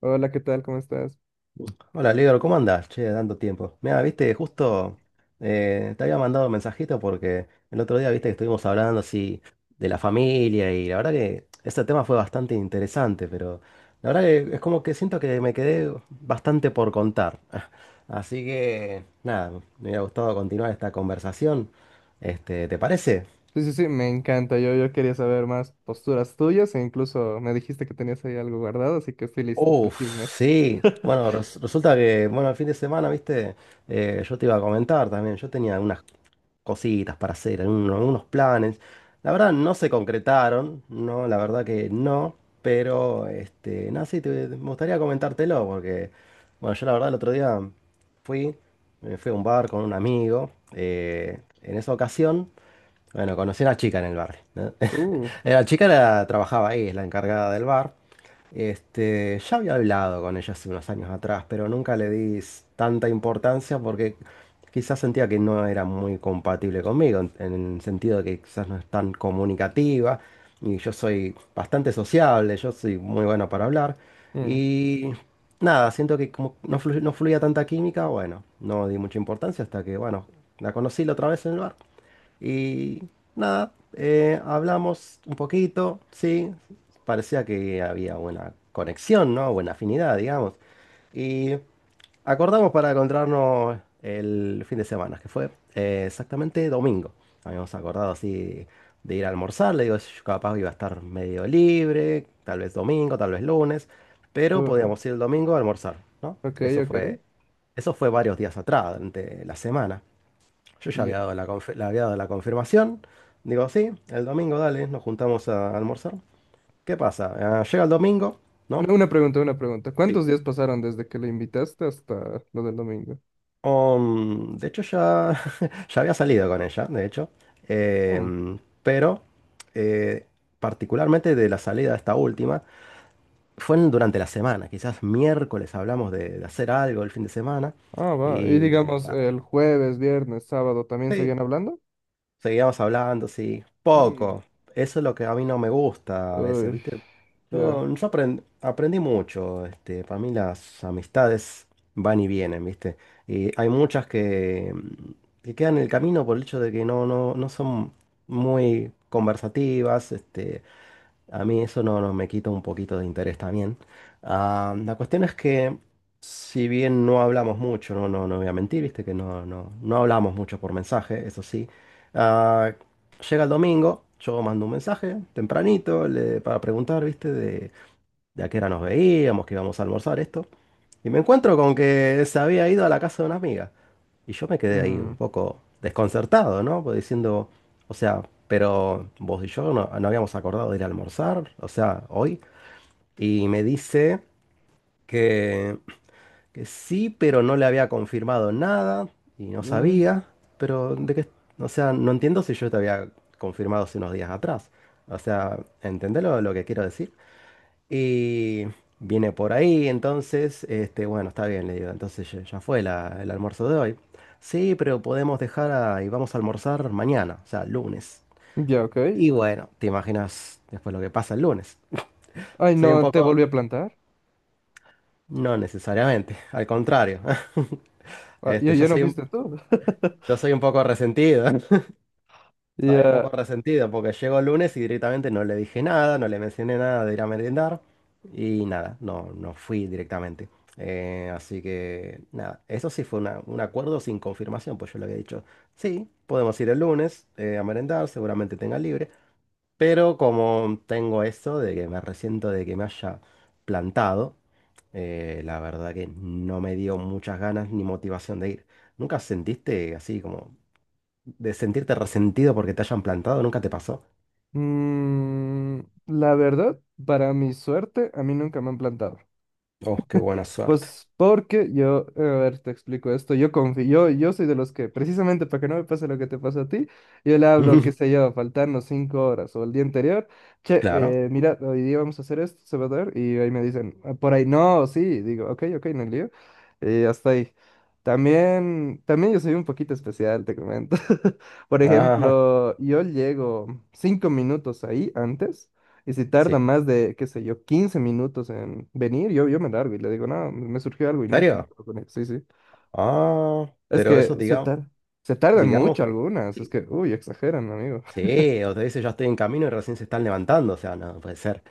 Hola, ¿qué tal? ¿Cómo estás? Hola, Lior, ¿cómo andás? Che, tanto tiempo. Mira, viste, justo te había mandado un mensajito porque el otro día, viste, que estuvimos hablando así de la familia y la verdad que ese tema fue bastante interesante, pero la verdad que es como que siento que me quedé bastante por contar. Así que, nada, me hubiera gustado continuar esta conversación. Este, ¿te parece? Sí, sí, sí, me encanta. Yo quería saber más posturas tuyas e incluso me dijiste que tenías ahí algo guardado, así que estoy listo para el chisme. Uf, sí. Bueno, resulta que, bueno, el fin de semana, viste. Yo te iba a comentar también, yo tenía unas cositas para hacer, unos planes. La verdad no se concretaron, no, la verdad que no, pero, este, nada, sí, me gustaría comentártelo, porque, bueno, yo la verdad el otro día fui, me fui a un bar con un amigo, en esa ocasión. Bueno, conocí a una chica en el bar, ¿no? Uh, La chica trabajaba ahí, es la encargada del bar. Este, ya había hablado con ella hace unos años atrás, pero nunca le di tanta importancia porque quizás sentía que no era muy compatible conmigo, en el sentido de que quizás no es tan comunicativa y yo soy bastante sociable, yo soy muy bueno para hablar. mm, Y nada, siento que como no, no fluía tanta química. Bueno, no di mucha importancia hasta que, bueno, la conocí la otra vez en el bar. Y nada, hablamos un poquito, sí. Parecía que había buena conexión, ¿no? Buena afinidad, digamos. Y acordamos para encontrarnos el fin de semana, que fue exactamente domingo. Habíamos acordado así de ir a almorzar. Le digo, yo capaz iba a estar medio libre, tal vez domingo, tal vez lunes, pero uh, podíamos ir el domingo a almorzar, ¿no? ok, ok. Eso fue varios días atrás, durante la semana. Yo ya Ya. había dado le había dado la confirmación. Digo, sí, el domingo, dale, nos juntamos a almorzar. ¿Qué pasa? Ah, llega el domingo, ¿no? Una pregunta, una pregunta. Sí. ¿Cuántos días pasaron desde que le invitaste hasta lo del domingo? De hecho, ya, ya había salido con ella, de hecho. Mm, Pero, eh, particularmente de la salida de esta última, fue durante la semana. Quizás miércoles hablamos de hacer algo el fin de semana. ah, va. Y Y, digamos, ah, el jueves, viernes, sábado, ¿también sí, seguían hablando? seguíamos hablando, sí. Mm, Poco. Eso es lo que a mí no me gusta a veces, uy, ¿viste? ya. Yo aprendí mucho. Este, para mí las amistades van y vienen, ¿viste? Y hay muchas que quedan en el camino por el hecho de que no son muy conversativas. Este, a mí eso no me quita un poquito de interés también. Ah, la cuestión es que, si bien no hablamos mucho, no voy a mentir, viste que no hablamos mucho por mensaje, eso sí. Ah, llega el domingo, yo mando un mensaje tempranito para preguntar, viste, de a qué hora nos veíamos, que íbamos a almorzar esto. Y me encuentro con que se había ido a la casa de una amiga. Y yo me quedé ahí Mm, un poco desconcertado, ¿no? Pues diciendo, o sea, pero vos y yo no habíamos acordado de ir a almorzar, o sea, hoy. Y me dice que, que sí, pero no le había confirmado nada y no ah, sabía, pero de qué, o sea, no entiendo si yo te había confirmado hace unos días atrás. O sea, ¿entendés lo que quiero decir? Y viene por ahí, entonces, este, bueno, está bien, le digo, entonces ya fue el almuerzo de hoy. Sí, pero podemos dejar y vamos a almorzar mañana, o sea, lunes. ya, ok. Y bueno, te imaginas después lo que pasa el lunes. Ay, Soy un no, ¿te poco, volví a plantar? no necesariamente, al contrario. Ah, Este, ¿ya, yo ya no soy un, fuiste tú? yo soy un poco resentido. Estaba un poco Ya, resentido porque llegó el lunes y directamente no le dije nada, no le mencioné nada de ir a merendar y nada, no, no fui directamente. Así que nada, eso sí fue un acuerdo sin confirmación, pues yo le había dicho, sí, podemos ir el lunes a merendar, seguramente tenga libre, pero como tengo esto de que me resiento de que me haya plantado, la verdad que no me dio muchas ganas ni motivación de ir. ¿Nunca sentiste así como de sentirte resentido porque te hayan plantado? Nunca te pasó. mm, la verdad, para mi suerte, a mí nunca me han plantado. Oh, qué buena suerte. Pues porque yo, a ver, te explico esto, yo confío, yo soy de los que, precisamente para que no me pase lo que te pasó a ti, yo le hablo, qué sé yo, faltando 5 horas o el día anterior, che, Claro. Mira, hoy día vamos a hacer esto, se va a dar, y ahí me dicen, "Ah, por ahí no, sí, digo, ok, ok, no hay lío, y hasta ahí. También, también yo soy un poquito especial, te comento. Por Ajá. ejemplo, yo llego 5 minutos ahí antes. Y si Sí. tarda ¿En más de, qué sé yo, 15 minutos en venir, yo me largo y le digo, no, me surgió algo y nunca más serio? hablo con Sí, sí. Ah, Es pero eso que se digamos, tar- Se tardan mucho digamos, algunas. Es sí. que, uy, exageran, amigo. Sí, o te dice ya estoy en camino y recién se están levantando, o sea, no puede ser.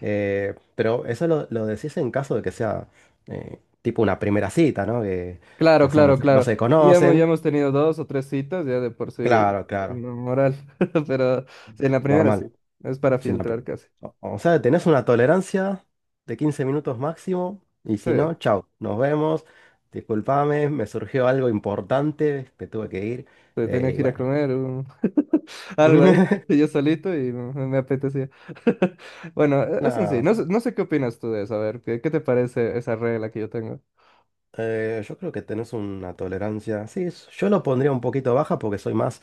Pero eso lo decís en caso de que sea, tipo, una primera cita, ¿no? Que, Claro, o sea, no claro, se, no claro. se Sí, ya conocen. hemos tenido dos o tres citas, ya de por sí, Claro, claro. no moral. Pero sí, en la primera sí. Normal. Es para Sí, no, filtrar casi. o sea, tenés una tolerancia de 15 minutos máximo y Sí. si no, chao, nos vemos. Disculpame, me surgió algo importante, me tuve que ir. Entonces tenía Y que ir a bueno. comer algo ahí, yo solito y me apetecía. Bueno, eso en sí, No, no sé, no sé qué opinas tú de eso, a ver, ¿qué, qué te parece esa regla que yo tengo? Yo creo que tenés una tolerancia. Sí, yo lo pondría un poquito baja porque soy más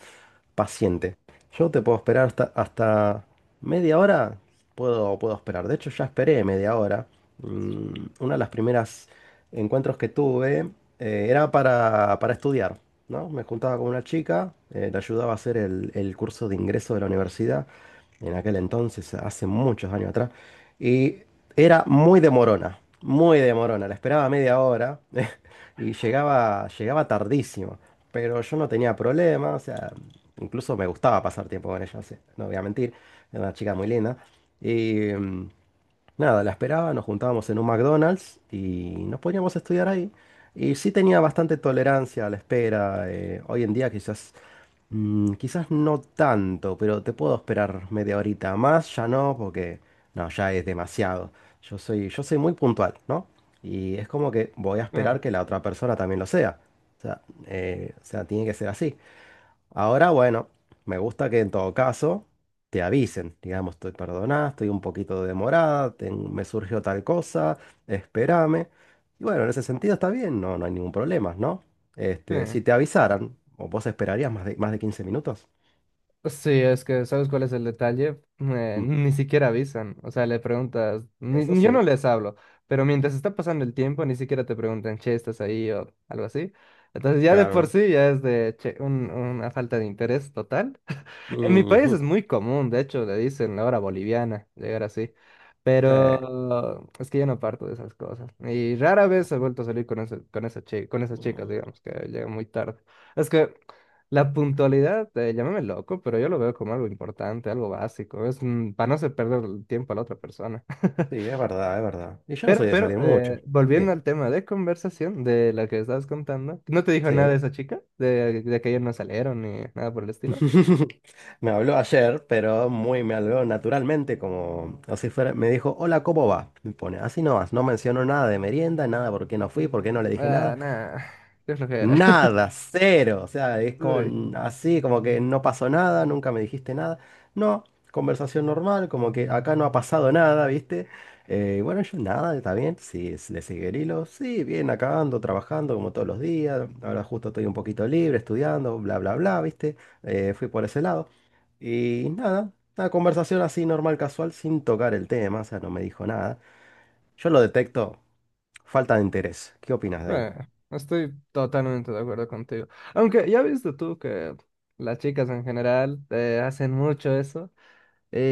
paciente. Yo te puedo esperar hasta media hora. Puedo esperar. De hecho, ya esperé media hora. Mm, una de las primeras encuentros que tuve, era para estudiar, ¿no? Me juntaba con una chica, le ayudaba a hacer el curso de ingreso de la universidad en aquel entonces, hace muchos años atrás. Y era muy demorona, muy demorona. La esperaba media hora y llegaba tardísimo. Pero yo no tenía problema, o sea, incluso me gustaba pasar tiempo con ella, o sea, no voy a mentir. Era una chica muy linda. Y nada, la esperaba, nos juntábamos en un McDonald's y nos poníamos a estudiar ahí. Y sí tenía bastante tolerancia a la espera. Hoy en día quizás, quizás no tanto, pero te puedo esperar media horita más, ya no, porque no, ya es demasiado. Yo soy muy puntual, ¿no? Y es como que voy a Ah, esperar que la otra persona también lo sea. O sea, o sea, tiene que ser así. Ahora, bueno, me gusta que en todo caso te avisen, digamos, estoy perdonada, estoy un poquito demorada, me surgió tal cosa, espérame. Y bueno, en ese sentido está bien, no, no hay ningún problema, ¿no? sí. Este, si te avisaran, ¿o vos esperarías más de 15 minutos? Sí, es que ¿sabes cuál es el detalle? Mm. Ni siquiera avisan, o sea, le preguntas, Eso yo no sí, les hablo, pero mientras está pasando el tiempo, ni siquiera te preguntan, che, ¿estás ahí o algo así? Entonces ya de por claro. sí ya es de che, una falta de interés total. En mi país es Ujú. muy común, de hecho, le dicen la hora boliviana, llegar así. Sí. Pero es que yo no parto de esas cosas. Y rara vez he vuelto a salir con con esas chicas, Mm, digamos, que llegan muy tarde. Es que la puntualidad, llámame loco, pero yo lo veo como algo importante, algo básico. Es mm, para no hacer perder el tiempo a la otra persona. sí, es verdad, es verdad. Y yo no soy de pero, salir mucho. Volviendo Sí, al tema de conversación de la que estabas contando, ¿no te dijo nada de sí. esa chica? De que ellos no salieron ni nada por el estilo. Me habló ayer, pero muy me habló naturalmente, como así fuera. Me dijo, hola, ¿cómo va? Me pone, así no vas, no mencionó nada de merienda, nada por qué no fui, por qué no le dije Ah, nada. nah, qué flojera. Nada, cero. O sea, es Uy, con así, como que no pasó nada, nunca me dijiste nada. No, conversación normal, como que acá no ha pasado nada, ¿viste? Bueno, yo nada, está bien. Sí, le sigue el hilo. Sí, bien, acá ando trabajando como todos los días. Ahora justo estoy un poquito libre, estudiando, bla, bla, bla, ¿viste? Fui por ese lado. Y nada, una conversación así normal, casual, sin tocar el tema, o sea, no me dijo nada. Yo lo detecto, falta de interés. ¿Qué opinas de ahí? nah, estoy totalmente de acuerdo contigo. Aunque ya viste tú que las chicas en general hacen mucho eso.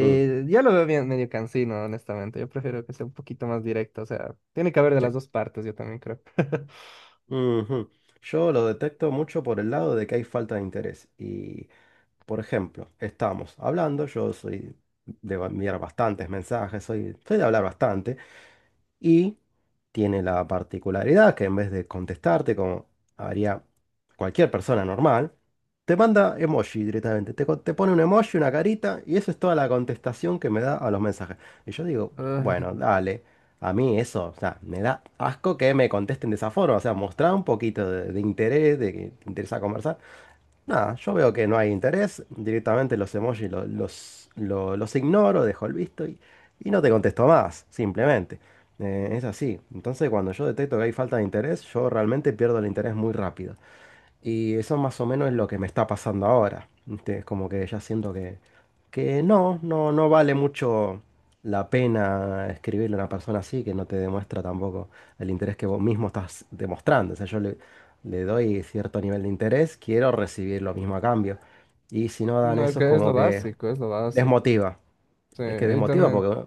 Mm, Ya lo veo bien medio cansino, honestamente. Yo prefiero que sea un poquito más directo. O sea, tiene que haber de sí. las dos partes, yo también creo. Ujú. Yo lo detecto mucho por el lado de que hay falta de interés. Y, por ejemplo, estamos hablando, yo soy de enviar bastantes mensajes, soy de hablar bastante. Y tiene la particularidad que en vez de contestarte como haría cualquier persona normal, te manda emoji directamente. Te pone un emoji, una carita y eso es toda la contestación que me da a los mensajes. Y yo digo, Ah, bueno, dale. A mí eso, o sea, me da asco que me contesten de esa forma. O sea, mostrar un poquito de interés, de que te interesa conversar. Nada, yo veo que no hay interés, directamente los emojis los ignoro, dejo el visto y no te contesto más, simplemente. Es así. Entonces, cuando yo detecto que hay falta de interés, yo realmente pierdo el interés muy rápido. Y eso más o menos es lo que me está pasando ahora, ¿viste? Como que ya siento que no vale mucho la pena escribirle a una persona así que no te demuestra tampoco el interés que vos mismo estás demostrando. O sea, yo le doy cierto nivel de interés, quiero recibir lo mismo a cambio. Y si no dan no, es eso es que es lo como que básico, es lo básico. desmotiva. Sí, Es que y desmotiva también. porque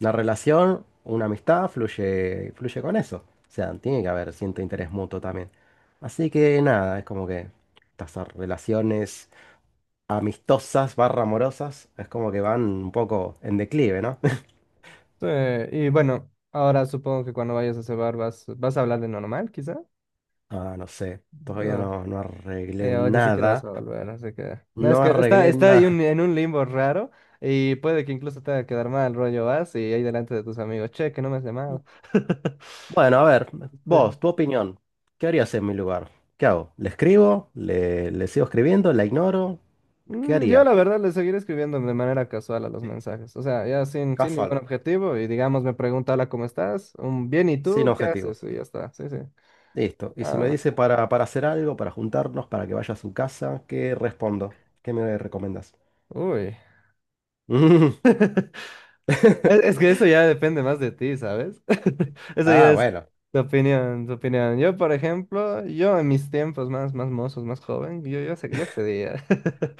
una relación, una amistad fluye, fluye con eso. O sea, tiene que haber cierto interés mutuo también. Así que nada, es como que estas relaciones amistosas barra amorosas es como que van un poco en declive, ¿no? Sí, y bueno, ahora supongo que cuando vayas a ese bar vas, vas a hablar de normal, quizá. Ah, no sé. Todavía Ah, no y arreglé ahora ni siquiera vas nada. a volver, ¿no? Así que... No, es No que está, arreglé está ahí nada. en un limbo raro y puede que incluso te haga quedar mal, rollo vas y ahí delante de tus amigos, che, que no me has llamado. Bueno, a ver, vos, Sí. tu opinión. ¿Qué harías en mi lugar? ¿Qué hago? ¿Le escribo? ¿¿Le sigo escribiendo? ¿La ignoro? ¿Qué Mm, yo haría? la verdad le seguiré escribiendo de manera casual a los Sí. mensajes, o sea, ya sin ningún Casual. objetivo y digamos me pregunta, hola, ¿cómo estás? Un bien, ¿y Sin tú? ¿Qué objetivo. haces? Y ya está, sí, sí, Listo. Y si nada me más. dice para hacer algo, para juntarnos, para que vaya a su casa, ¿qué respondo? ¿Qué me recomiendas? Uy. Mm. Es que eso ya depende más de ti, ¿sabes? Eso ya Ah, es bueno. tu opinión, tu opinión. Yo, por ejemplo, yo en mis tiempos más, más mozos, más joven, yo accedía.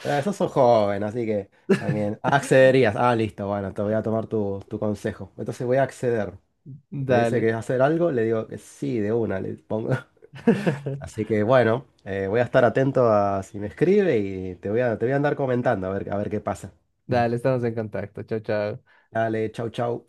Sos un joven, así que también. Ah, accederías. Ah, listo, bueno, te voy a tomar tu consejo. Entonces voy a acceder. Me dice que Dale. es hacer algo, le digo que sí, de una, le pongo. Así que bueno, voy a estar atento a si me escribe y te voy a andar comentando a ver qué pasa. Dale, estamos en contacto. Chao, chao. Dale, chau, chau.